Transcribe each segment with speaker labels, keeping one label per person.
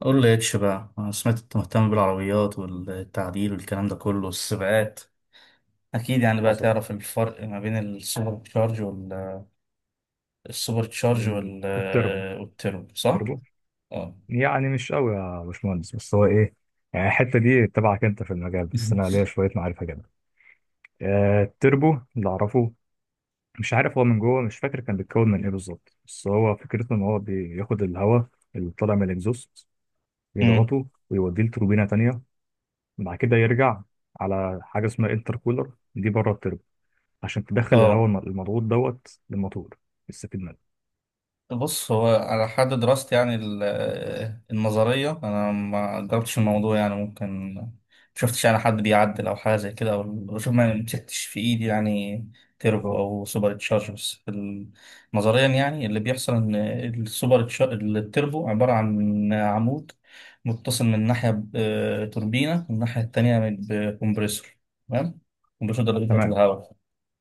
Speaker 1: قول لي اتش بقى، انا سمعت انت مهتم بالعربيات والتعديل والكلام ده كله والسباقات. اكيد يعني بقى
Speaker 2: حصل.
Speaker 1: تعرف الفرق ما بين السوبر تشارج وال، السوبر تشارج وال
Speaker 2: والتربو.
Speaker 1: والتربو، صح.
Speaker 2: تربو.
Speaker 1: اه.
Speaker 2: يعني مش قوي يا باشمهندس، بس هو ايه؟ يعني الحته دي تبعك انت في المجال، بس انا ليا شويه معرفه كده. التربو اللي اعرفه، مش عارف هو من جوه، مش فاكر كان بيتكون من ايه بالظبط، بس هو فكرته ان هو بياخد الهواء اللي طالع من الاكزوست،
Speaker 1: أمم.
Speaker 2: يضغطه ويوديه لتوربينه تانية، بعد كده يرجع على حاجه اسمها انتركولر دي بره التربو، عشان تدخل الهواء
Speaker 1: اه.
Speaker 2: المضغوط للموتور يستفيد منه.
Speaker 1: بص، هو على حد دراستي يعني ال- النظرية أنا ما جربتش الموضوع، يعني ممكن مشفتش يعني حد بيعدل أو حاجة زي كده أو بشوف، ما مسكتش في إيدي يعني تيربو
Speaker 2: اه،
Speaker 1: أو سوبر تشارجرز ال-، نظريا يعني اللي بيحصل إن السوبر تشا- التيربو عبارة عن عمود متصل من ناحية بتوربينة والناحية التانية بكمبريسور، تمام. كمبريسور ده اللي بيبعت
Speaker 2: تمام.
Speaker 1: الهواء.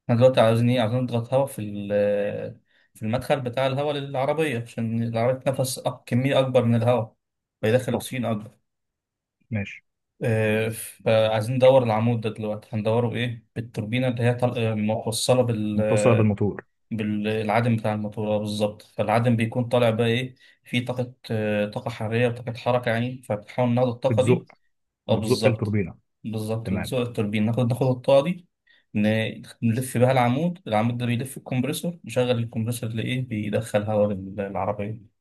Speaker 1: احنا دلوقتي عاوزين ايه؟ عاوزين نضغط هواء في ال- في المدخل بتاع الهواء للعربية، عشان العربية تنفس أك- كمية أكبر من الهواء، فيدخل
Speaker 2: طب
Speaker 1: أكسجين أكبر.
Speaker 2: ماشي.
Speaker 1: فعايزين ندور العمود ده دلوقتي، هندوره بإيه؟ بالتوربينة اللي هي طل- موصلة بال،
Speaker 2: متصله بالموتور.
Speaker 1: بالعدم بتاع الموتور، بالظبط. فالعدم بيكون طالع بقى إيه؟ فيه طاقة، طاقة حرارية وطاقة حركة يعني، فبنحاول ناخد الطاقة دي.
Speaker 2: بتزق.
Speaker 1: اه بالظبط.
Speaker 2: التوربينه.
Speaker 1: بالظبط
Speaker 2: تمام.
Speaker 1: بتزق التوربين، ناخد الطاقة دي، نلف بيها العمود، العمود ده بيلف الكمبريسور، نشغل الكمبريسور لإيه؟ بيدخل هواء للعربية.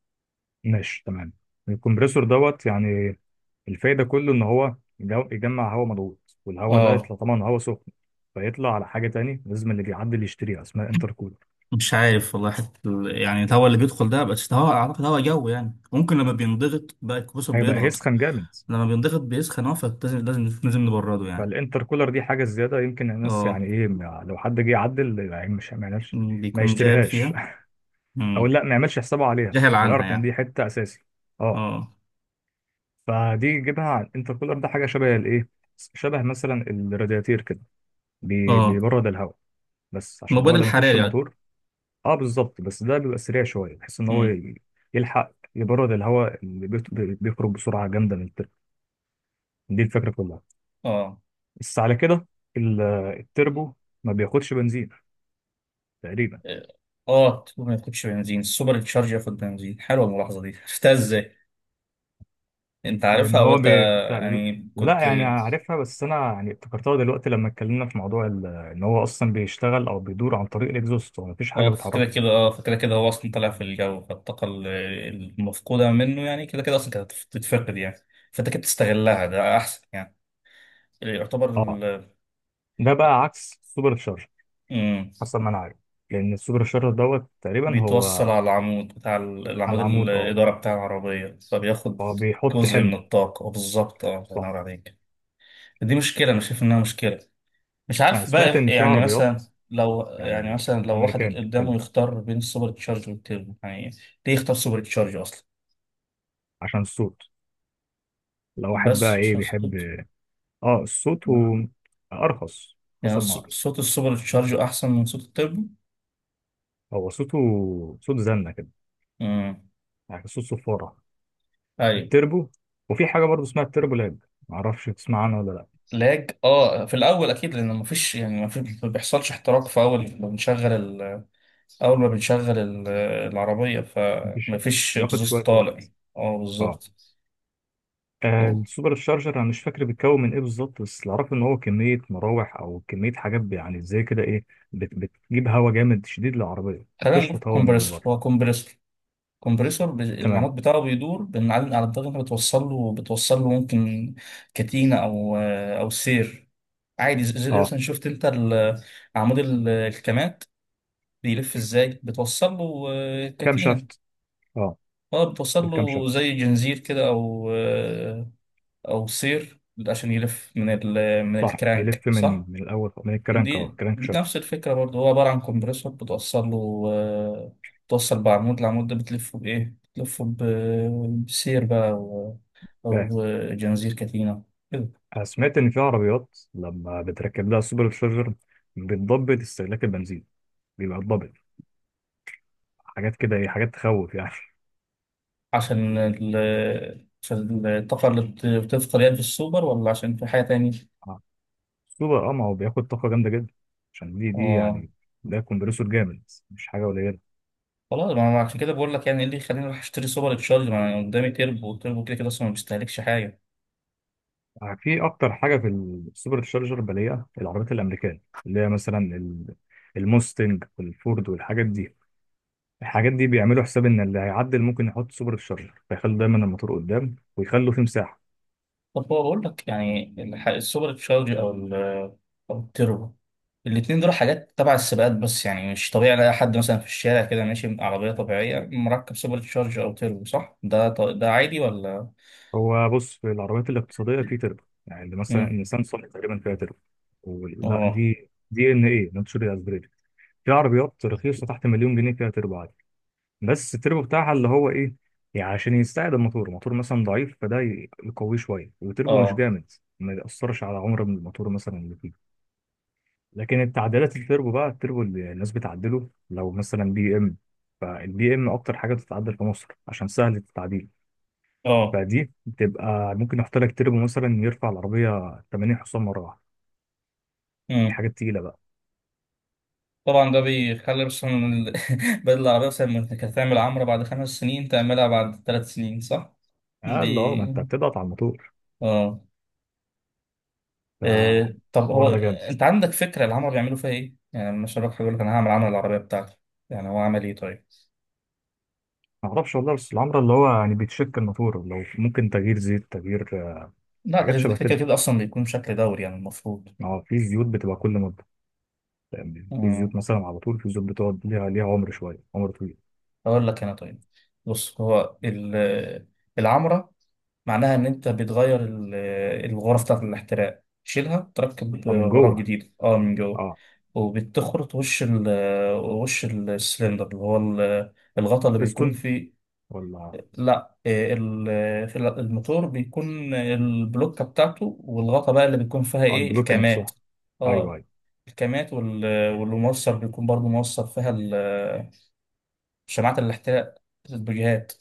Speaker 2: ماشي، تمام. الكمبريسور يعني الفايده كله ان هو يجمع هواء مضغوط، والهواء ده
Speaker 1: اه.
Speaker 2: يطلع طبعا هواء سخن، فيطلع على حاجه تاني لازم اللي بيعدي اللي يشتريها اسمها انتركولر.
Speaker 1: مش عارف والله، حتى ال- يعني الهواء اللي بيدخل ده بس هواء، أعتقد هواء جو يعني، ممكن لما بينضغط بقى، الكمبريسور
Speaker 2: هيبقى
Speaker 1: بيضغط،
Speaker 2: هيسخن جامد.
Speaker 1: لما بينضغط بيسخن، اه فلازم لازم نبرده يعني.
Speaker 2: فالانتركولر دي حاجه زياده يمكن الناس
Speaker 1: اه.
Speaker 2: يعني ايه لو حد جه يعدل يعني مش ما يعملش، ما
Speaker 1: بيكون جاهل
Speaker 2: يشتريهاش
Speaker 1: فيها.
Speaker 2: او
Speaker 1: مم.
Speaker 2: لا ما يعملش حسابه عليها
Speaker 1: جاهل عنها
Speaker 2: ويعرف ان
Speaker 1: يعني.
Speaker 2: دي حته اساسي. اه.
Speaker 1: اه.
Speaker 2: فدي يجيبها على الانتركولر ده حاجه شبه الايه، شبه مثلا الرادياتير كده،
Speaker 1: اه.
Speaker 2: بيبرد الهواء، بس عشان هو
Speaker 1: المبيد
Speaker 2: لما يخش
Speaker 1: الحراري يعني.
Speaker 2: الموتور. اه بالظبط، بس ده بيبقى سريع شويه بحيث ان هو
Speaker 1: مم.
Speaker 2: يلحق يبرد الهواء اللي بيخرج بسرعه جامده من التربو. دي الفكره كلها.
Speaker 1: اه.
Speaker 2: بس على كده، ال- التربو ما بياخدش بنزين تقريبا.
Speaker 1: اه تكون ما تاخدش بنزين، السوبر تشارج ياخد بنزين. حلوه الملاحظه دي، عرفتها ازاي؟ انت
Speaker 2: لان
Speaker 1: عارفها او
Speaker 2: هو
Speaker 1: انت يعني
Speaker 2: لا
Speaker 1: كنت،
Speaker 2: يعني عارفها، بس انا يعني افتكرتها دلوقتي لما اتكلمنا في موضوع ان هو اصلا بيشتغل او بيدور عن طريق الاكزوست، هو مفيش حاجه
Speaker 1: اه كده
Speaker 2: بتعرفه.
Speaker 1: كده اه، فكده كده هو اصلا طالع في الجو، فالطاقه ال- المفقوده منه يعني كده كده اصلا كانت تتفقد يعني، فانت كده بتستغلها، ده احسن يعني. يعتبر
Speaker 2: اه.
Speaker 1: ال-،
Speaker 2: ده بقى عكس السوبر تشارجر
Speaker 1: مم.
Speaker 2: حسب ما انا عارف. لان السوبر تشارجر تقريبا
Speaker 1: بيتوصل
Speaker 2: هو
Speaker 1: على العمود بتاع ال-
Speaker 2: على
Speaker 1: العمود
Speaker 2: العمود. اه،
Speaker 1: الاداره بتاع العربيه، فبياخد
Speaker 2: هو بيحط
Speaker 1: جزء من
Speaker 2: حمض.
Speaker 1: الطاقه، بالظبط اه. الله
Speaker 2: صح.
Speaker 1: ينور عليك. دي مشكله، انا شايف انها مشكله. مش
Speaker 2: انا
Speaker 1: عارف
Speaker 2: سمعت
Speaker 1: بقى
Speaker 2: ان في
Speaker 1: يعني
Speaker 2: عربيات،
Speaker 1: مثلا، لو يعني
Speaker 2: يعني
Speaker 1: مثلا لو واحد
Speaker 2: الامريكان
Speaker 1: قدامه
Speaker 2: بتتكلم،
Speaker 1: يختار بين السوبر تشارج والتيربو يعني، ليه يختار سوبر تشارج اصلا؟
Speaker 2: عشان الصوت. لو واحد بقى
Speaker 1: بس
Speaker 2: ايه
Speaker 1: عشان
Speaker 2: بيحب.
Speaker 1: صوت؟
Speaker 2: اه، الصوت ارخص.
Speaker 1: يعني
Speaker 2: حصل مع.
Speaker 1: ص- صوت السوبر تشارج احسن من صوت التيربو.
Speaker 2: هو صوته صوت زنة كده،
Speaker 1: امم.
Speaker 2: يعني صوت صفارة
Speaker 1: ايوه.
Speaker 2: التربو. وفي حاجة برضه اسمها التربو لاب، معرفش تسمع عنها ولا لا.
Speaker 1: لاج، اه في الاول اكيد، لان مفيش، يعني مفيش، ما بيحصلش احتراق في اول ما بنشغل ال- اول ما بنشغل ال- العربيه،
Speaker 2: مفيش.
Speaker 1: فمفيش
Speaker 2: بياخد
Speaker 1: اكزوست
Speaker 2: شوية
Speaker 1: طالع.
Speaker 2: وقت.
Speaker 1: اه
Speaker 2: اه.
Speaker 1: بالظبط. أوه.
Speaker 2: السوبر شارجر انا مش فاكر بيتكون من ايه بالظبط، بس اللي اعرفه ان هو كميه مراوح او كميه حاجات ب- يعني زي كده ايه. بت- بتجيب هواء جامد شديد للعربيه،
Speaker 1: خلينا نقول
Speaker 2: بتشفط هواء من
Speaker 1: كومبريسور،
Speaker 2: بره.
Speaker 1: هو كومبريسور، كومبريسور
Speaker 2: تمام.
Speaker 1: العمود بتاعه بيدور، بنعلم على الضغط، انت بتوصل له، بتوصل له ممكن كتينة او او سير، عادي زي
Speaker 2: اه،
Speaker 1: مثلا شفت انت ال- عمود ال- الكمات بيلف ازاي، بتوصل له
Speaker 2: كام
Speaker 1: كتينة،
Speaker 2: شافت. اه،
Speaker 1: اه بتوصل
Speaker 2: الكام
Speaker 1: له
Speaker 2: شافت.
Speaker 1: زي جنزير كده، او او سير، عشان يلف من ال- من
Speaker 2: صح،
Speaker 1: الكرانك
Speaker 2: يلف
Speaker 1: صح.
Speaker 2: من الاول من الكرنك. اه،
Speaker 1: دي
Speaker 2: كرنك
Speaker 1: بنفس
Speaker 2: شافت.
Speaker 1: الفكرة برضه، هو عبارة عن كومبريسور، بتوصل له بتوصل بعمود، العمود ده بتلفه بإيه؟ بتلفه ب- بسير بقى، أو أو
Speaker 2: فاهم.
Speaker 1: جنزير كتينة كده.
Speaker 2: أنا سمعت ان في عربيات لما بتركب لها سوبر شارجر، بتضبط استهلاك البنزين، بيبقى الضبط حاجات كده ايه، حاجات تخوف يعني.
Speaker 1: عشان ال، عشان الطاقة اللي بت- بتدخل يعني في السوبر، ولا عشان في حاجة تانية؟
Speaker 2: سوبر، اه ما هو بياخد طاقة جامدة جدا عشان دي
Speaker 1: آه.
Speaker 2: يعني ده كومبريسور جامد، مش حاجة قليلة.
Speaker 1: خلاص، ما أنا عشان كده بقول لك يعني إيه اللي يخليني أروح أشتري سوبر تشارج؟ ما أنا قدامي تربو، والتربو كده كده أصلا ما بيستهلكش حاجة.
Speaker 2: في أكتر حاجة في السوبر تشارجر بلاقيها العربيات الأمريكية، اللي هي مثلا الموستنج والفورد والحاجات دي. الحاجات دي بيعملوا حساب إن اللي هيعدل ممكن يحط سوبر تشارجر، فيخلوا دايما الموتور قدام ويخلوا فيه مساحة.
Speaker 1: طب هو بقول لك يعني الح- السوبر تشارج، او ال- او التربو، الاتنين دول حاجات تبع السباقات، بس يعني مش طبيعي الاقي حد مثلا في الشارع كده ماشي بعربيه طبيعيه مركب سوبر تشارج او تربو، صح؟ ده ط- ده عادي ولا؟
Speaker 2: هو بص، في العربيات الاقتصادية في تربو، يعني اللي مثلا
Speaker 1: امم.
Speaker 2: النيسان صني تقريبا فيها تربو. لا،
Speaker 1: اه.
Speaker 2: دي دي ان ايه، ناتشورال اسبريتد. في عربيات رخيصة تحت مليون جنيه فيها تربو عادي. بس التربو بتاعها اللي هو ايه، يعني عشان يستعد الموتور، الموتور مثلا ضعيف، فده يقويه شويه، والتربو مش
Speaker 1: اه.
Speaker 2: جامد، ما يأثرش على عمر من الموتور مثلا اللي فيه. لكن التعديلات التربو بقى، التربو اللي الناس بتعدله لو مثلا بي ام، فالبي ام اكتر حاجه بتتعدل في مصر عشان سهل التعديل.
Speaker 1: اه.
Speaker 2: فدي بتبقى ممكن احط لك تربو مثلا يرفع العربيه 80 حصان مره واحده. دي
Speaker 1: امم.
Speaker 2: حاجه تقيله بقى.
Speaker 1: طبعا ده بيخلي مثلا ال- بدل العربيه مثلا ما كانت تعمل عمره بعد خمس سنين تعملها بعد ثلاث سنين، صح.
Speaker 2: قال اه، ما
Speaker 1: دي،
Speaker 2: انت بتضغط على الموتور.
Speaker 1: اه. طب هو
Speaker 2: فالحوار ده جامد.
Speaker 1: انت عندك فكره العمر بيعملوا فيها ايه؟ يعني لما شباب حاجه يقول لك انا هعمل عمل العربيه بتاعتي، يعني هو عمل ايه طيب؟
Speaker 2: ما اعرفش والله، بس العمرة اللي هو يعني بيتشك الموتور، لو ممكن تغيير زيت، تغيير
Speaker 1: لا،
Speaker 2: حاجات
Speaker 1: ده كده
Speaker 2: شبه
Speaker 1: كده
Speaker 2: كده.
Speaker 1: كده اصلا بيكون بشكل دوري يعني، المفروض.
Speaker 2: اه، في زيوت بتبقى كل مده، يعني في
Speaker 1: مم.
Speaker 2: زيوت مثلا على طول، في زيوت بتقعد ليها عمر شويه، عمر طويل.
Speaker 1: اقول لك انا، طيب. بص هو ال- العمره، معناها ان انت بتغير ال- الغرف بتاعت الاحتراق، تشيلها تركب
Speaker 2: اه من
Speaker 1: غرف
Speaker 2: جوه.
Speaker 1: جديده اه من جوه،
Speaker 2: اه.
Speaker 1: وبتخرط وش ال، وش السلندر اللي هو ال- الغطا اللي بيكون
Speaker 2: بستون
Speaker 1: فيه،
Speaker 2: ولا.
Speaker 1: لا إيه، ال- في ال- الموتور بيكون البلوكة بتاعته، والغطا بقى اللي بيكون فيها
Speaker 2: اه،
Speaker 1: ايه،
Speaker 2: البلوكه
Speaker 1: الكامات.
Speaker 2: نفسها. ايوه
Speaker 1: اه.
Speaker 2: ايوه.
Speaker 1: الكامات وال- والموصل بيكون برضو موصل فيها ال- شماعات الاحتراق، الاتجاهات.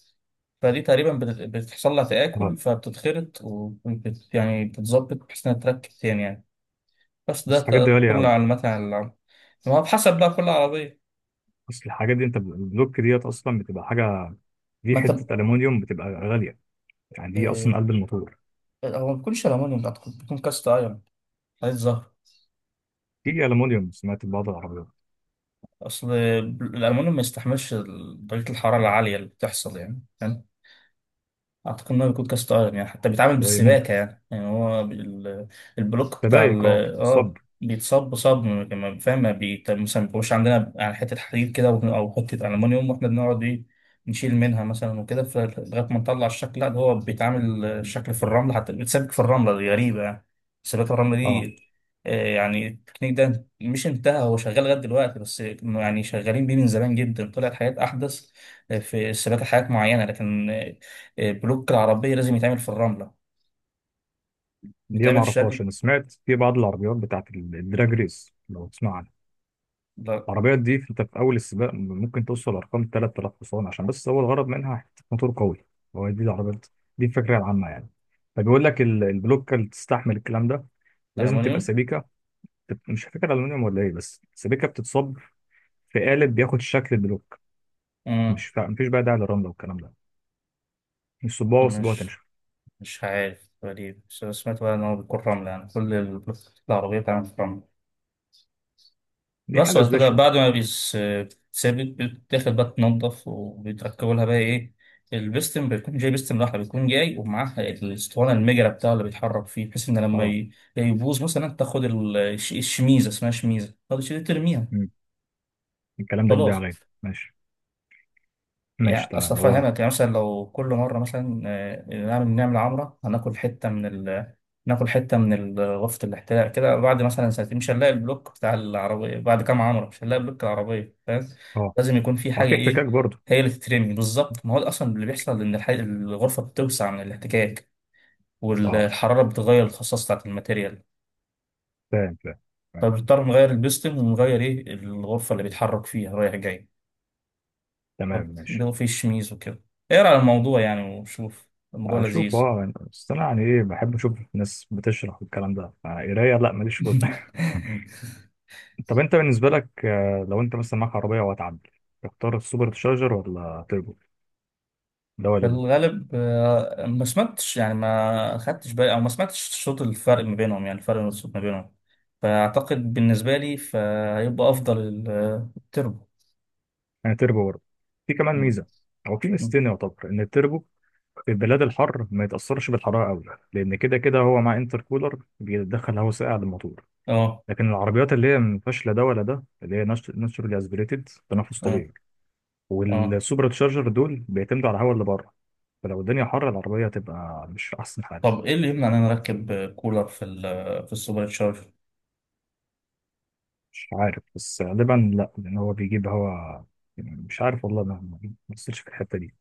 Speaker 1: فدي تقريبا بت- بتحصل لها
Speaker 2: اه.
Speaker 1: تآكل، فبتتخرط، وبت يعني بتتظبط بحيث انها تركب تاني يعني. بس ده
Speaker 2: بس الحاجات دي
Speaker 1: ت-
Speaker 2: غاليه
Speaker 1: كل
Speaker 2: قوي.
Speaker 1: معلومات عن العربية، ما هو بحسب بقى كل عربية.
Speaker 2: اصل الحاجات دي انت ب- البلوك ديت اصلا بتبقى حاجه، دي
Speaker 1: ما انت
Speaker 2: حته الومنيوم بتبقى غاليه، يعني دي اصلا
Speaker 1: إيه،
Speaker 2: قلب الموتور.
Speaker 1: هو ما بيكونش الألمونيوم، أعتقد بيكون كاست أيرون، حديد زهر.
Speaker 2: في الومنيوم، سمعت بعض العربيات،
Speaker 1: اصل الالومنيوم ما يستحملش درجه الحراره العاليه اللي بتحصل يعني، اعتقد انه بيكون كاس عالم يعني، حتى بيتعامل
Speaker 2: اللي هي ممكن
Speaker 1: بالسباكه يعني، يعني هو البلوك بتاع ال-،
Speaker 2: سبائك، اه الصب.
Speaker 1: اه بيتصب صب، ما- فاهم؟ ما بيت- مثلا ما بيبقاش عندنا يعني حته حديد كده او أو حته المونيوم، واحنا بنقعد ايه نشيل منها مثلا وكده، ف- لغايه ما نطلع الشكل. لا، ده هو بيتعامل الشكل في الرمله، حتى بيتسابك في الرمله، دي غريبه يعني، سباكه الرمله
Speaker 2: اه،
Speaker 1: دي. يعني التكنيك ده مش انتهى، هو شغال لغايه دلوقتي، بس إنه يعني شغالين بيه من زمان جدا، طلعت حاجات احدث في السباكه، حاجات معينه، لكن البلوك العربية لازم يتعمل في الرملة،
Speaker 2: دي ما
Speaker 1: بيتعمل في شكل.
Speaker 2: اعرفهاش. انا سمعت في بعض العربيات بتاعت الدراج ريس، لو تسمع عنها.
Speaker 1: لا-
Speaker 2: العربيات دي في- انت في اول السباق ممكن توصل ارقام 3000 حصان، عشان بس هو الغرض منها حته موتور قوي. هو دي العربيات، دي الفكره العامه يعني. فبيقول لك البلوكه اللي تستحمل الكلام ده لازم تبقى
Speaker 1: ألمونيوم.
Speaker 2: سبيكه. مش فاكر الومنيوم ولا ايه، بس سبيكه بتتصب في قالب بياخد شكل البلوك.
Speaker 1: مم.
Speaker 2: مش فا... مفيش بقى داعي للرمله والكلام ده، مش صباعه وسيبوها
Speaker 1: مش
Speaker 2: تنشف.
Speaker 1: مش عارف، غريب، بس أنا سمعت بقى إن هو بيكون رملة، يعني كل البلوك العربية بتتعمل في الرملة،
Speaker 2: دي
Speaker 1: بس
Speaker 2: حاجه
Speaker 1: بعد كده،
Speaker 2: سبيشال.
Speaker 1: بعد ما بيس- بتتثبت، بتاخد بقى تنضف، وبيتركبوا لها بقى إيه، البستم بيكون جاي، بستم لوحده بيكون جاي، ومعاها الاسطوانة المجرة بتاعه اللي بيتحرك فيه، بحيث إن لما
Speaker 2: اه.
Speaker 1: يبوظ مثلا، تاخد ال- الش- الشميزة، اسمها شميزة، تاخد الشميزة ترميها.
Speaker 2: مم. الكلام ده كبير
Speaker 1: خلاص،
Speaker 2: عليا. ماشي.
Speaker 1: يعني
Speaker 2: ماشي
Speaker 1: اصل
Speaker 2: تمام هو.
Speaker 1: افهمك يعني، مثلا لو كل مره مثلا نعمل عمره، هناكل حته من ال... ناكل حته من ال- غرفه الاحتلال كده، بعد مثلا سنتين مش هنلاقي البلوك بتاع العربيه، بعد كام عمره مش هنلاقي بلوك العربيه، فاهم؟
Speaker 2: اه.
Speaker 1: لازم يكون في
Speaker 2: اه،
Speaker 1: حاجه
Speaker 2: في احتكاك
Speaker 1: ايه،
Speaker 2: برضه.
Speaker 1: هي اللي تترمي بالظبط، ما هو ده اصلا اللي بيحصل، ان الح... الغرفه بتوسع من الاحتكاك،
Speaker 2: اه.
Speaker 1: والحراره بتغير الخاصيه بتاعت الماتيريال.
Speaker 2: فاهم، فاهم، فاهم.
Speaker 1: فبنضطر نغير البيستم، ونغير ايه، الغرفه اللي بيتحرك فيها رايح جاي،
Speaker 2: تمام، ماشي.
Speaker 1: فبيضوا فيه الشميز وكده. اقرا على الموضوع يعني وشوف، الموضوع
Speaker 2: اشوف
Speaker 1: لذيذ.
Speaker 2: اه يعني، بس انا يعني ايه، بحب اشوف ناس بتشرح، والكلام ده قرايه لا ماليش فل. طب انت بالنسبه لك، لو انت مثلا معاك عربيه وهتعدل، تختار السوبر تشارجر ولا تربو؟ ده
Speaker 1: في
Speaker 2: ولا ده؟
Speaker 1: الغالب ما سمعتش يعني، ما خدتش بالي او ما سمعتش صوت الفرق ما بينهم يعني، الفرق الصوت ما بينهم، فاعتقد بالنسبه لي فهيبقى افضل ال- التربو.
Speaker 2: انا تربو برضه. في كمان
Speaker 1: مم.
Speaker 2: ميزه، هو في
Speaker 1: مم.
Speaker 2: ميزتين يعتبر ان التربو في البلاد الحر ما يتاثرش بالحراره قوي، لان كده كده هو مع انتر كولر بيدخل هواء ساقع للموتور.
Speaker 1: اه.
Speaker 2: لكن العربيات اللي هي ما فيهاش لا ده ولا ده، اللي هي ناتشورالي اسبريتد، تنفس
Speaker 1: اه.
Speaker 2: طبيعي،
Speaker 1: اه.
Speaker 2: والسوبر تشارجر دول بيعتمدوا على الهواء اللي بره. فلو الدنيا حر العربية هتبقى مش في أحسن حال.
Speaker 1: طب ايه اللي يمنع ان انا اركب كولر في ال في السوبر تشارجر؟
Speaker 2: مش عارف، بس غالبا لأ، لأن هو بيجيب هوا، يعني مش عارف والله، ما بصيتش في الحتة دي.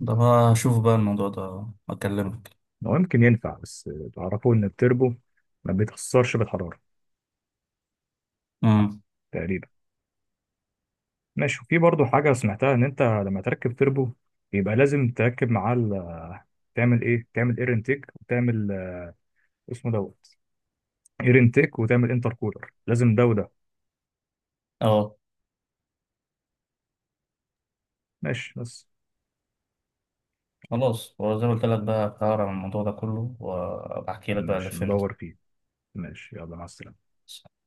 Speaker 1: ده بقى اشوف بقى الموضوع ده، اكلمك.
Speaker 2: هو يمكن ينفع، بس تعرفوا إن التربو ما بيتأثرش بالحرارة
Speaker 1: امم.
Speaker 2: تقريبا. ماشي. وفي برضو حاجة سمعتها إن أنت لما تركب تربو، يبقى لازم تركب معاه تعمل إيه؟ تعمل إير انتيك وتعمل اسمه إير انتيك وتعمل انتر كولر، لازم ده وده.
Speaker 1: اه.
Speaker 2: ماشي بس.
Speaker 1: خلاص، وزي ما قلت لك بقى هقرا عن الموضوع ده كله وبحكي لك بقى اللي
Speaker 2: ماشي،
Speaker 1: فهمته.
Speaker 2: ندور فيه. ماشي، يلا مع السلامة.